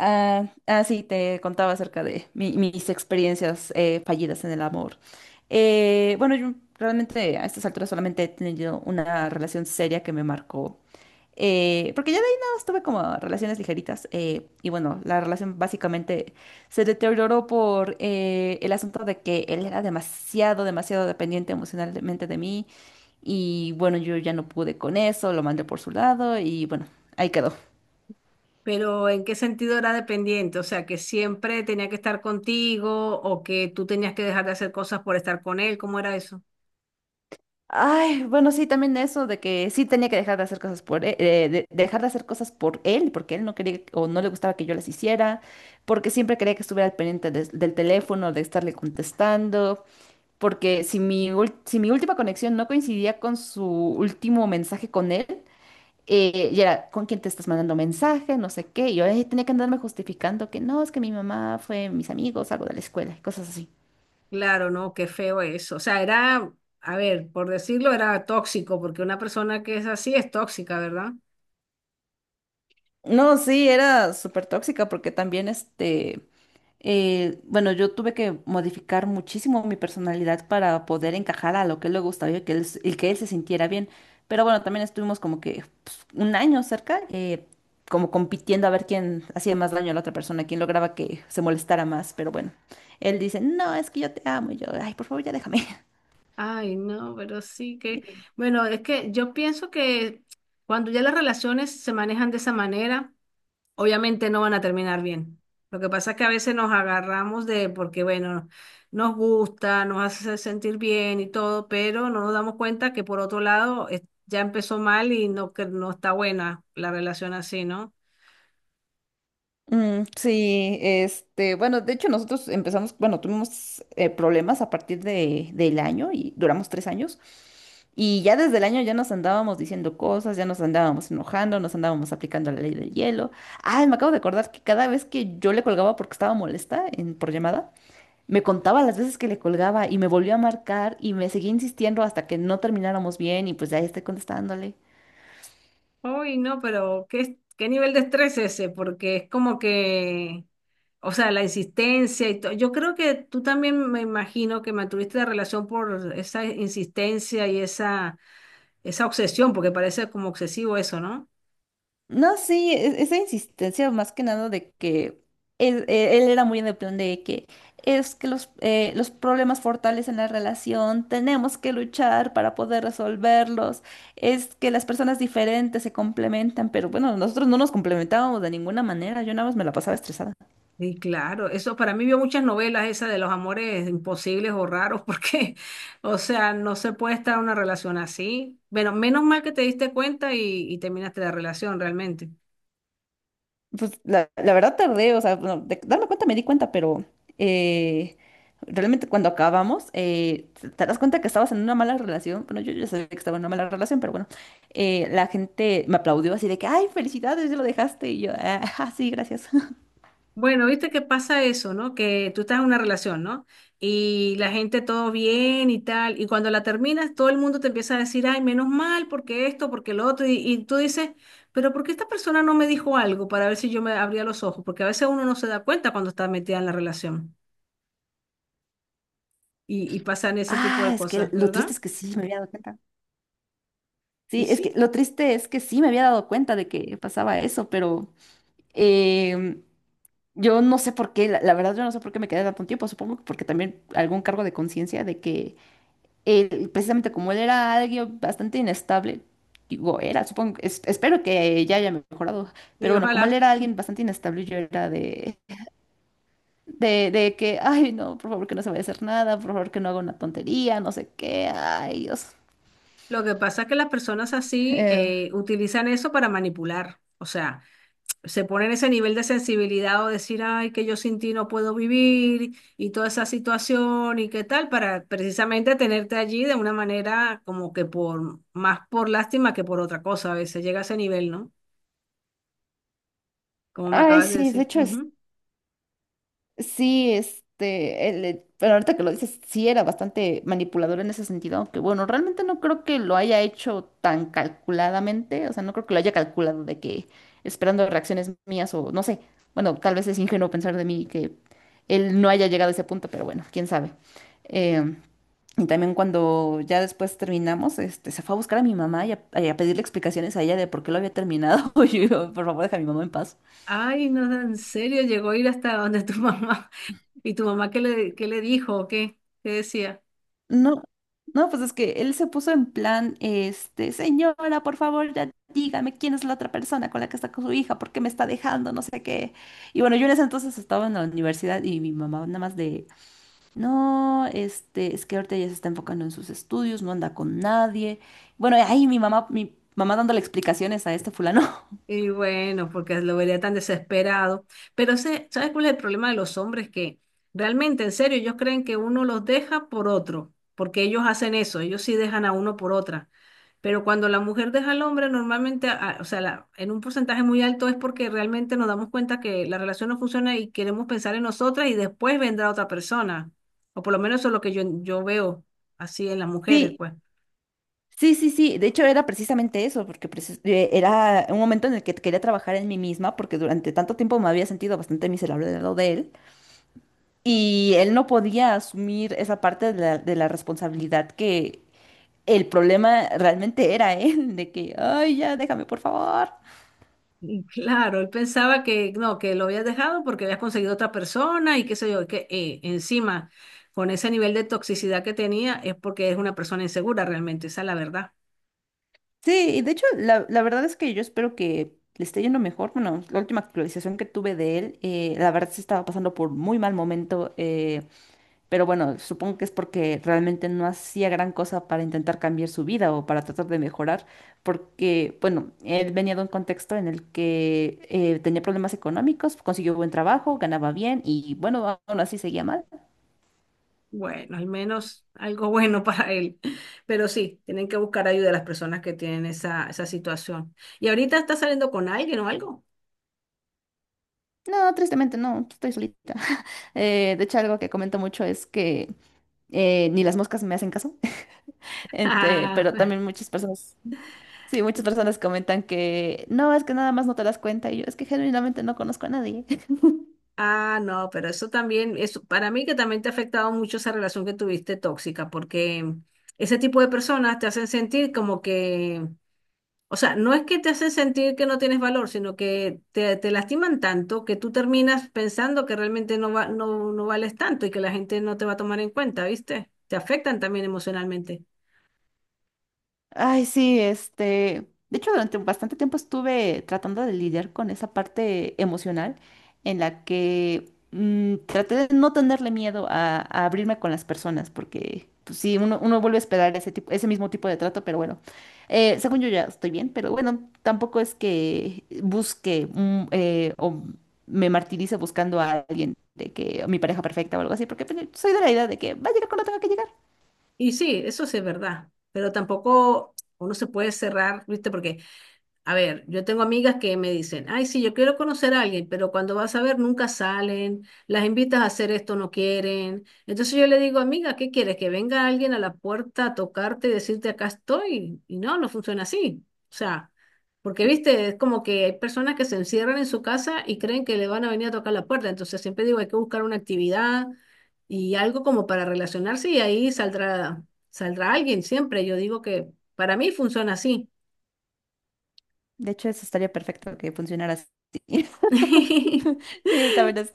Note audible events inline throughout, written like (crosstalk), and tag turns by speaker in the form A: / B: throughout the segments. A: Ah, ah, sí, te contaba acerca de mis experiencias fallidas en el amor. Bueno, yo realmente a estas alturas solamente he tenido una relación seria que me marcó. Porque ya de ahí nada más tuve como relaciones ligeritas. Y bueno, la relación básicamente se deterioró por el asunto de que él era demasiado dependiente emocionalmente de mí. Y bueno, yo ya no pude con eso, lo mandé por su lado y bueno, ahí quedó.
B: Pero ¿en qué sentido era dependiente? O sea, ¿que siempre tenía que estar contigo o que tú tenías que dejar de hacer cosas por estar con él? ¿Cómo era eso?
A: Ay, bueno, sí, también eso de que sí tenía que dejar de hacer cosas por él, dejar de hacer cosas por él, porque él no quería o no le gustaba que yo las hiciera, porque siempre quería que estuviera al pendiente del teléfono, de estarle contestando, porque si mi última conexión no coincidía con su último mensaje con él, y era, ¿con quién te estás mandando mensaje? No sé qué, y yo tenía que andarme justificando que no, es que mi mamá fue mis amigos, algo de la escuela, y cosas así.
B: Claro, no, qué feo eso. O sea, era, a ver, por decirlo, era tóxico, porque una persona que es así es tóxica, ¿verdad?
A: No, sí, era súper tóxica porque también este... Bueno, yo tuve que modificar muchísimo mi personalidad para poder encajar a lo que él le gustaba y que y que él se sintiera bien. Pero bueno, también estuvimos como que pues, un año cerca, como compitiendo a ver quién hacía más daño a la otra persona, quién lograba que se molestara más. Pero bueno, él dice, no, es que yo te amo. Y yo, ay, por favor, ya déjame.
B: Ay, no, pero sí que,
A: (laughs)
B: bueno, es que yo pienso que cuando ya las relaciones se manejan de esa manera, obviamente no van a terminar bien. Lo que pasa es que a veces nos agarramos de, porque bueno, nos gusta, nos hace sentir bien y todo, pero no nos damos cuenta que por otro lado es- ya empezó mal y no, que no está buena la relación así, ¿no?
A: Mm, sí, este, bueno, de hecho nosotros empezamos, bueno, tuvimos problemas a partir del año y duramos 3 años. Y ya desde el año ya nos andábamos diciendo cosas, ya nos andábamos enojando, nos andábamos aplicando la ley del hielo. Ay, me acabo de acordar que cada vez que yo le colgaba porque estaba molesta en, por llamada, me contaba las veces que le colgaba y me volvió a marcar y me seguía insistiendo hasta que no termináramos bien y pues ya estoy contestándole.
B: Uy, no, pero ¿qué, qué nivel de estrés es ese? Porque es como que, o sea, la insistencia y todo. Yo creo que tú también, me imagino que mantuviste la relación por esa insistencia y esa obsesión, porque parece como obsesivo eso, ¿no?
A: No, sí, esa insistencia más que nada de que él era muy en el plan de que es que los problemas fortales en la relación, tenemos que luchar para poder resolverlos, es que las personas diferentes se complementan, pero bueno, nosotros no nos complementábamos de ninguna manera, yo nada más me la pasaba estresada.
B: Sí, claro, eso para mí vio muchas novelas esa de los amores imposibles o raros porque, (laughs) o sea, no se puede estar en una relación así. Bueno, menos mal que te diste cuenta y terminaste la relación realmente.
A: Pues la verdad tardé, o sea, bueno, de darme cuenta me di cuenta, pero eh, realmente cuando acabamos, te das cuenta que estabas en una mala relación. Bueno, yo ya sabía que estaba en una mala relación, pero bueno, la gente me aplaudió así de que, ay, felicidades, ya lo dejaste. Y yo, ah, (laughs) ajá, sí, gracias. (laughs)
B: Bueno, viste que pasa eso, ¿no? Que tú estás en una relación, ¿no? Y la gente todo bien y tal, y cuando la terminas todo el mundo te empieza a decir, ay, menos mal porque esto, porque lo otro, y tú dices, pero ¿por qué esta persona no me dijo algo para ver si yo me abría los ojos? Porque a veces uno no se da cuenta cuando está metida en la relación. Y, y pasan ese tipo
A: Ah,
B: de
A: es que
B: cosas,
A: lo triste
B: ¿verdad?
A: es que sí, me había dado cuenta.
B: Y
A: Sí, es
B: sí,
A: que lo triste es que sí, me había dado cuenta de que pasaba eso, pero em, yo no sé por qué, la verdad yo no sé por qué me quedé tanto tiempo, supongo que porque también algún cargo de conciencia de que él, precisamente como él era alguien bastante inestable, digo, era, supongo, espero que ya haya mejorado,
B: y
A: pero bueno, como él
B: ojalá.
A: era alguien bastante inestable, yo era de que, ay, no, por favor que no se vaya a hacer nada, por favor que no haga una tontería, no sé qué, ay, Dios.
B: Lo que pasa es que las personas así
A: Eh,
B: utilizan eso para manipular. O sea, se ponen ese nivel de sensibilidad o decir, ay, que yo sin ti no puedo vivir y toda esa situación y qué tal, para precisamente tenerte allí de una manera como que por más por lástima que por otra cosa. A veces llega a ese nivel, ¿no? Como me
A: Ay,
B: acabas de
A: sí, de
B: decir.
A: hecho,
B: Ujú.
A: sí, este, pero ahorita que lo dices, sí era bastante manipulador en ese sentido, aunque bueno, realmente no creo que lo haya hecho tan calculadamente, o sea, no creo que lo haya calculado de que esperando reacciones mías o no sé, bueno, tal vez es ingenuo pensar de mí que él no haya llegado a ese punto, pero bueno, quién sabe. Eh, y también cuando ya después terminamos, este, se fue a buscar a mi mamá y a pedirle explicaciones a ella de por qué lo había terminado, (laughs) y yo, por favor, deja a mi mamá en paz.
B: Ay, no, en serio, ¿llegó a ir hasta donde tu mamá? (laughs) ¿Y tu mamá qué le dijo o qué? ¿Qué decía?
A: No, no, pues es que él se puso en plan, este, señora, por favor, ya dígame quién es la otra persona con la que está con su hija, por qué me está dejando, no sé qué. Y bueno, yo en ese entonces estaba en la universidad y mi mamá nada más de, no, este, es que ahorita ya se está enfocando en sus estudios, no anda con nadie. Bueno, ahí mi mamá dándole explicaciones a este fulano. (laughs)
B: Y bueno, porque lo vería tan desesperado. Pero sé, ¿sabes cuál es el problema de los hombres? Que realmente, en serio, ellos creen que uno los deja por otro, porque ellos hacen eso, ellos sí dejan a uno por otra. Pero cuando la mujer deja al hombre, normalmente, a- o sea, la- en un porcentaje muy alto es porque realmente nos damos cuenta que la relación no funciona y queremos pensar en nosotras y después vendrá otra persona. O por lo menos eso es lo que yo veo así en las mujeres,
A: Sí,
B: pues.
A: sí, sí, sí. De hecho, era precisamente eso, porque era un momento en el que quería trabajar en mí misma, porque durante tanto tiempo me había sentido bastante miserable del lado de él. Y él no podía asumir esa parte de de la responsabilidad que el problema realmente era él, de que, ay, ya, déjame, por favor.
B: Y claro, él pensaba que no, que lo habías dejado porque habías conseguido otra persona y qué sé yo, que encima con ese nivel de toxicidad que tenía es porque es una persona insegura realmente, esa es la verdad.
A: Sí, y de hecho, la verdad es que yo espero que le esté yendo mejor. Bueno, la última actualización que tuve de él, la verdad se estaba pasando por muy mal momento. Pero bueno, supongo que es porque realmente no hacía gran cosa para intentar cambiar su vida o para tratar de mejorar, porque, bueno, él venía de un contexto en el que tenía problemas económicos, consiguió buen trabajo, ganaba bien y, bueno, aún así seguía mal.
B: Bueno, al menos algo bueno (laughs) para él. Pero sí, tienen que buscar ayuda a las personas que tienen esa, esa situación. ¿Y ahorita está saliendo con alguien o algo?
A: No, tristemente no, estoy solita. (laughs) De hecho, algo que comento mucho es que ni las moscas me hacen caso, (laughs)
B: Ah,
A: pero también muchas personas, sí, muchas personas comentan que no, es que nada más no te das cuenta y yo es que genuinamente no conozco a nadie.
B: (laughs) ah, no, pero eso también, eso, para mí que también te ha afectado mucho esa relación que tuviste tóxica, porque ese tipo de personas te hacen sentir como que, o sea, no es que te hacen sentir que no tienes valor, sino que te lastiman tanto que tú terminas pensando que realmente no, va, no, no vales tanto y que la gente no te va a tomar en cuenta, ¿viste? Te afectan también emocionalmente.
A: Ay, sí, este, de hecho durante bastante tiempo estuve tratando de lidiar con esa parte emocional en la que traté de no tenerle miedo a abrirme con las personas, porque pues, sí, uno vuelve a esperar ese mismo tipo de trato, pero bueno, según yo ya estoy bien, pero bueno, tampoco es que busque o me martirice buscando a alguien de que mi pareja perfecta o algo así, porque pues, soy de la idea de que va a llegar cuando tenga que llegar.
B: Y sí, eso sí es verdad, pero tampoco uno se puede cerrar, ¿viste? Porque, a ver, yo tengo amigas que me dicen, ay, sí, yo quiero conocer a alguien, pero cuando vas a ver nunca salen, las invitas a hacer esto, no quieren. Entonces yo le digo, amiga, ¿qué quieres? ¿Que venga alguien a la puerta a tocarte y decirte acá estoy? Y no, no funciona así. O sea, porque viste, es como que hay personas que se encierran en su casa y creen que le van a venir a tocar la puerta. Entonces siempre digo, hay que buscar una actividad y algo como para relacionarse y ahí saldrá, saldrá alguien siempre. Yo digo que para mí funciona así.
A: De hecho, eso estaría perfecto que funcionara así.
B: (laughs)
A: (laughs) Sí, también es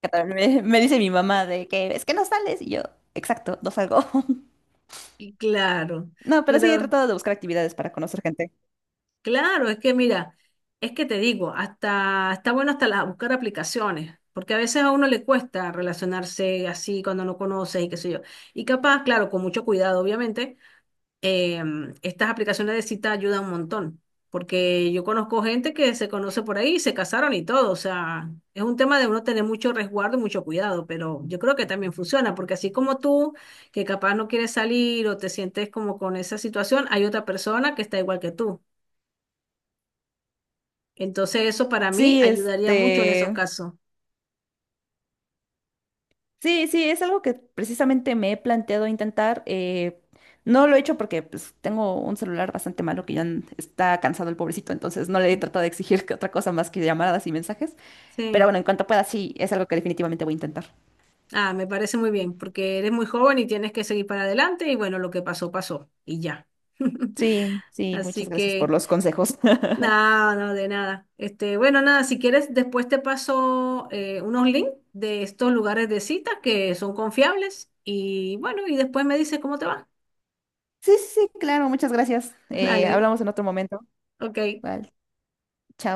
A: catalán. Me dice mi mamá de que es que no sales y yo, exacto, no salgo. (laughs)
B: Y claro,
A: No, pero sí he
B: pero
A: tratado de buscar actividades para conocer gente.
B: claro, es que mira, es que te digo, hasta está bueno hasta la- buscar aplicaciones, porque a veces a uno le cuesta relacionarse así cuando no conoces y qué sé yo. Y capaz, claro, con mucho cuidado, obviamente, eh, estas aplicaciones de cita ayudan un montón, porque yo conozco gente que se conoce por ahí, se casaron y todo, o sea, es un tema de uno tener mucho resguardo y mucho cuidado, pero yo creo que también funciona, porque así como tú, que capaz no quieres salir o te sientes como con esa situación, hay otra persona que está igual que tú. Entonces eso para mí
A: Sí,
B: ayudaría mucho en esos
A: este,
B: casos.
A: sí, sí, es algo que precisamente me he planteado intentar. No lo he hecho porque pues, tengo un celular bastante malo que ya está cansado el pobrecito, entonces no le he tratado de exigir (laughs) que otra cosa más que llamadas y mensajes. Pero
B: Sí.
A: bueno, en cuanto pueda, sí, es algo que definitivamente voy a intentar.
B: Ah, me parece muy bien, porque eres muy joven y tienes que seguir para adelante y bueno, lo que pasó, pasó y ya. (laughs)
A: Sí, sí, muchas
B: Así
A: gracias por
B: que...
A: los consejos.
B: No, no, de nada. Este, bueno, nada, si quieres, después te paso unos links de estos lugares de citas que son confiables y bueno, y después me dices cómo te va.
A: Sí, sí, sí, claro, muchas gracias.
B: (laughs) Dale,
A: Hablamos en otro momento.
B: ok.
A: Vale, chao.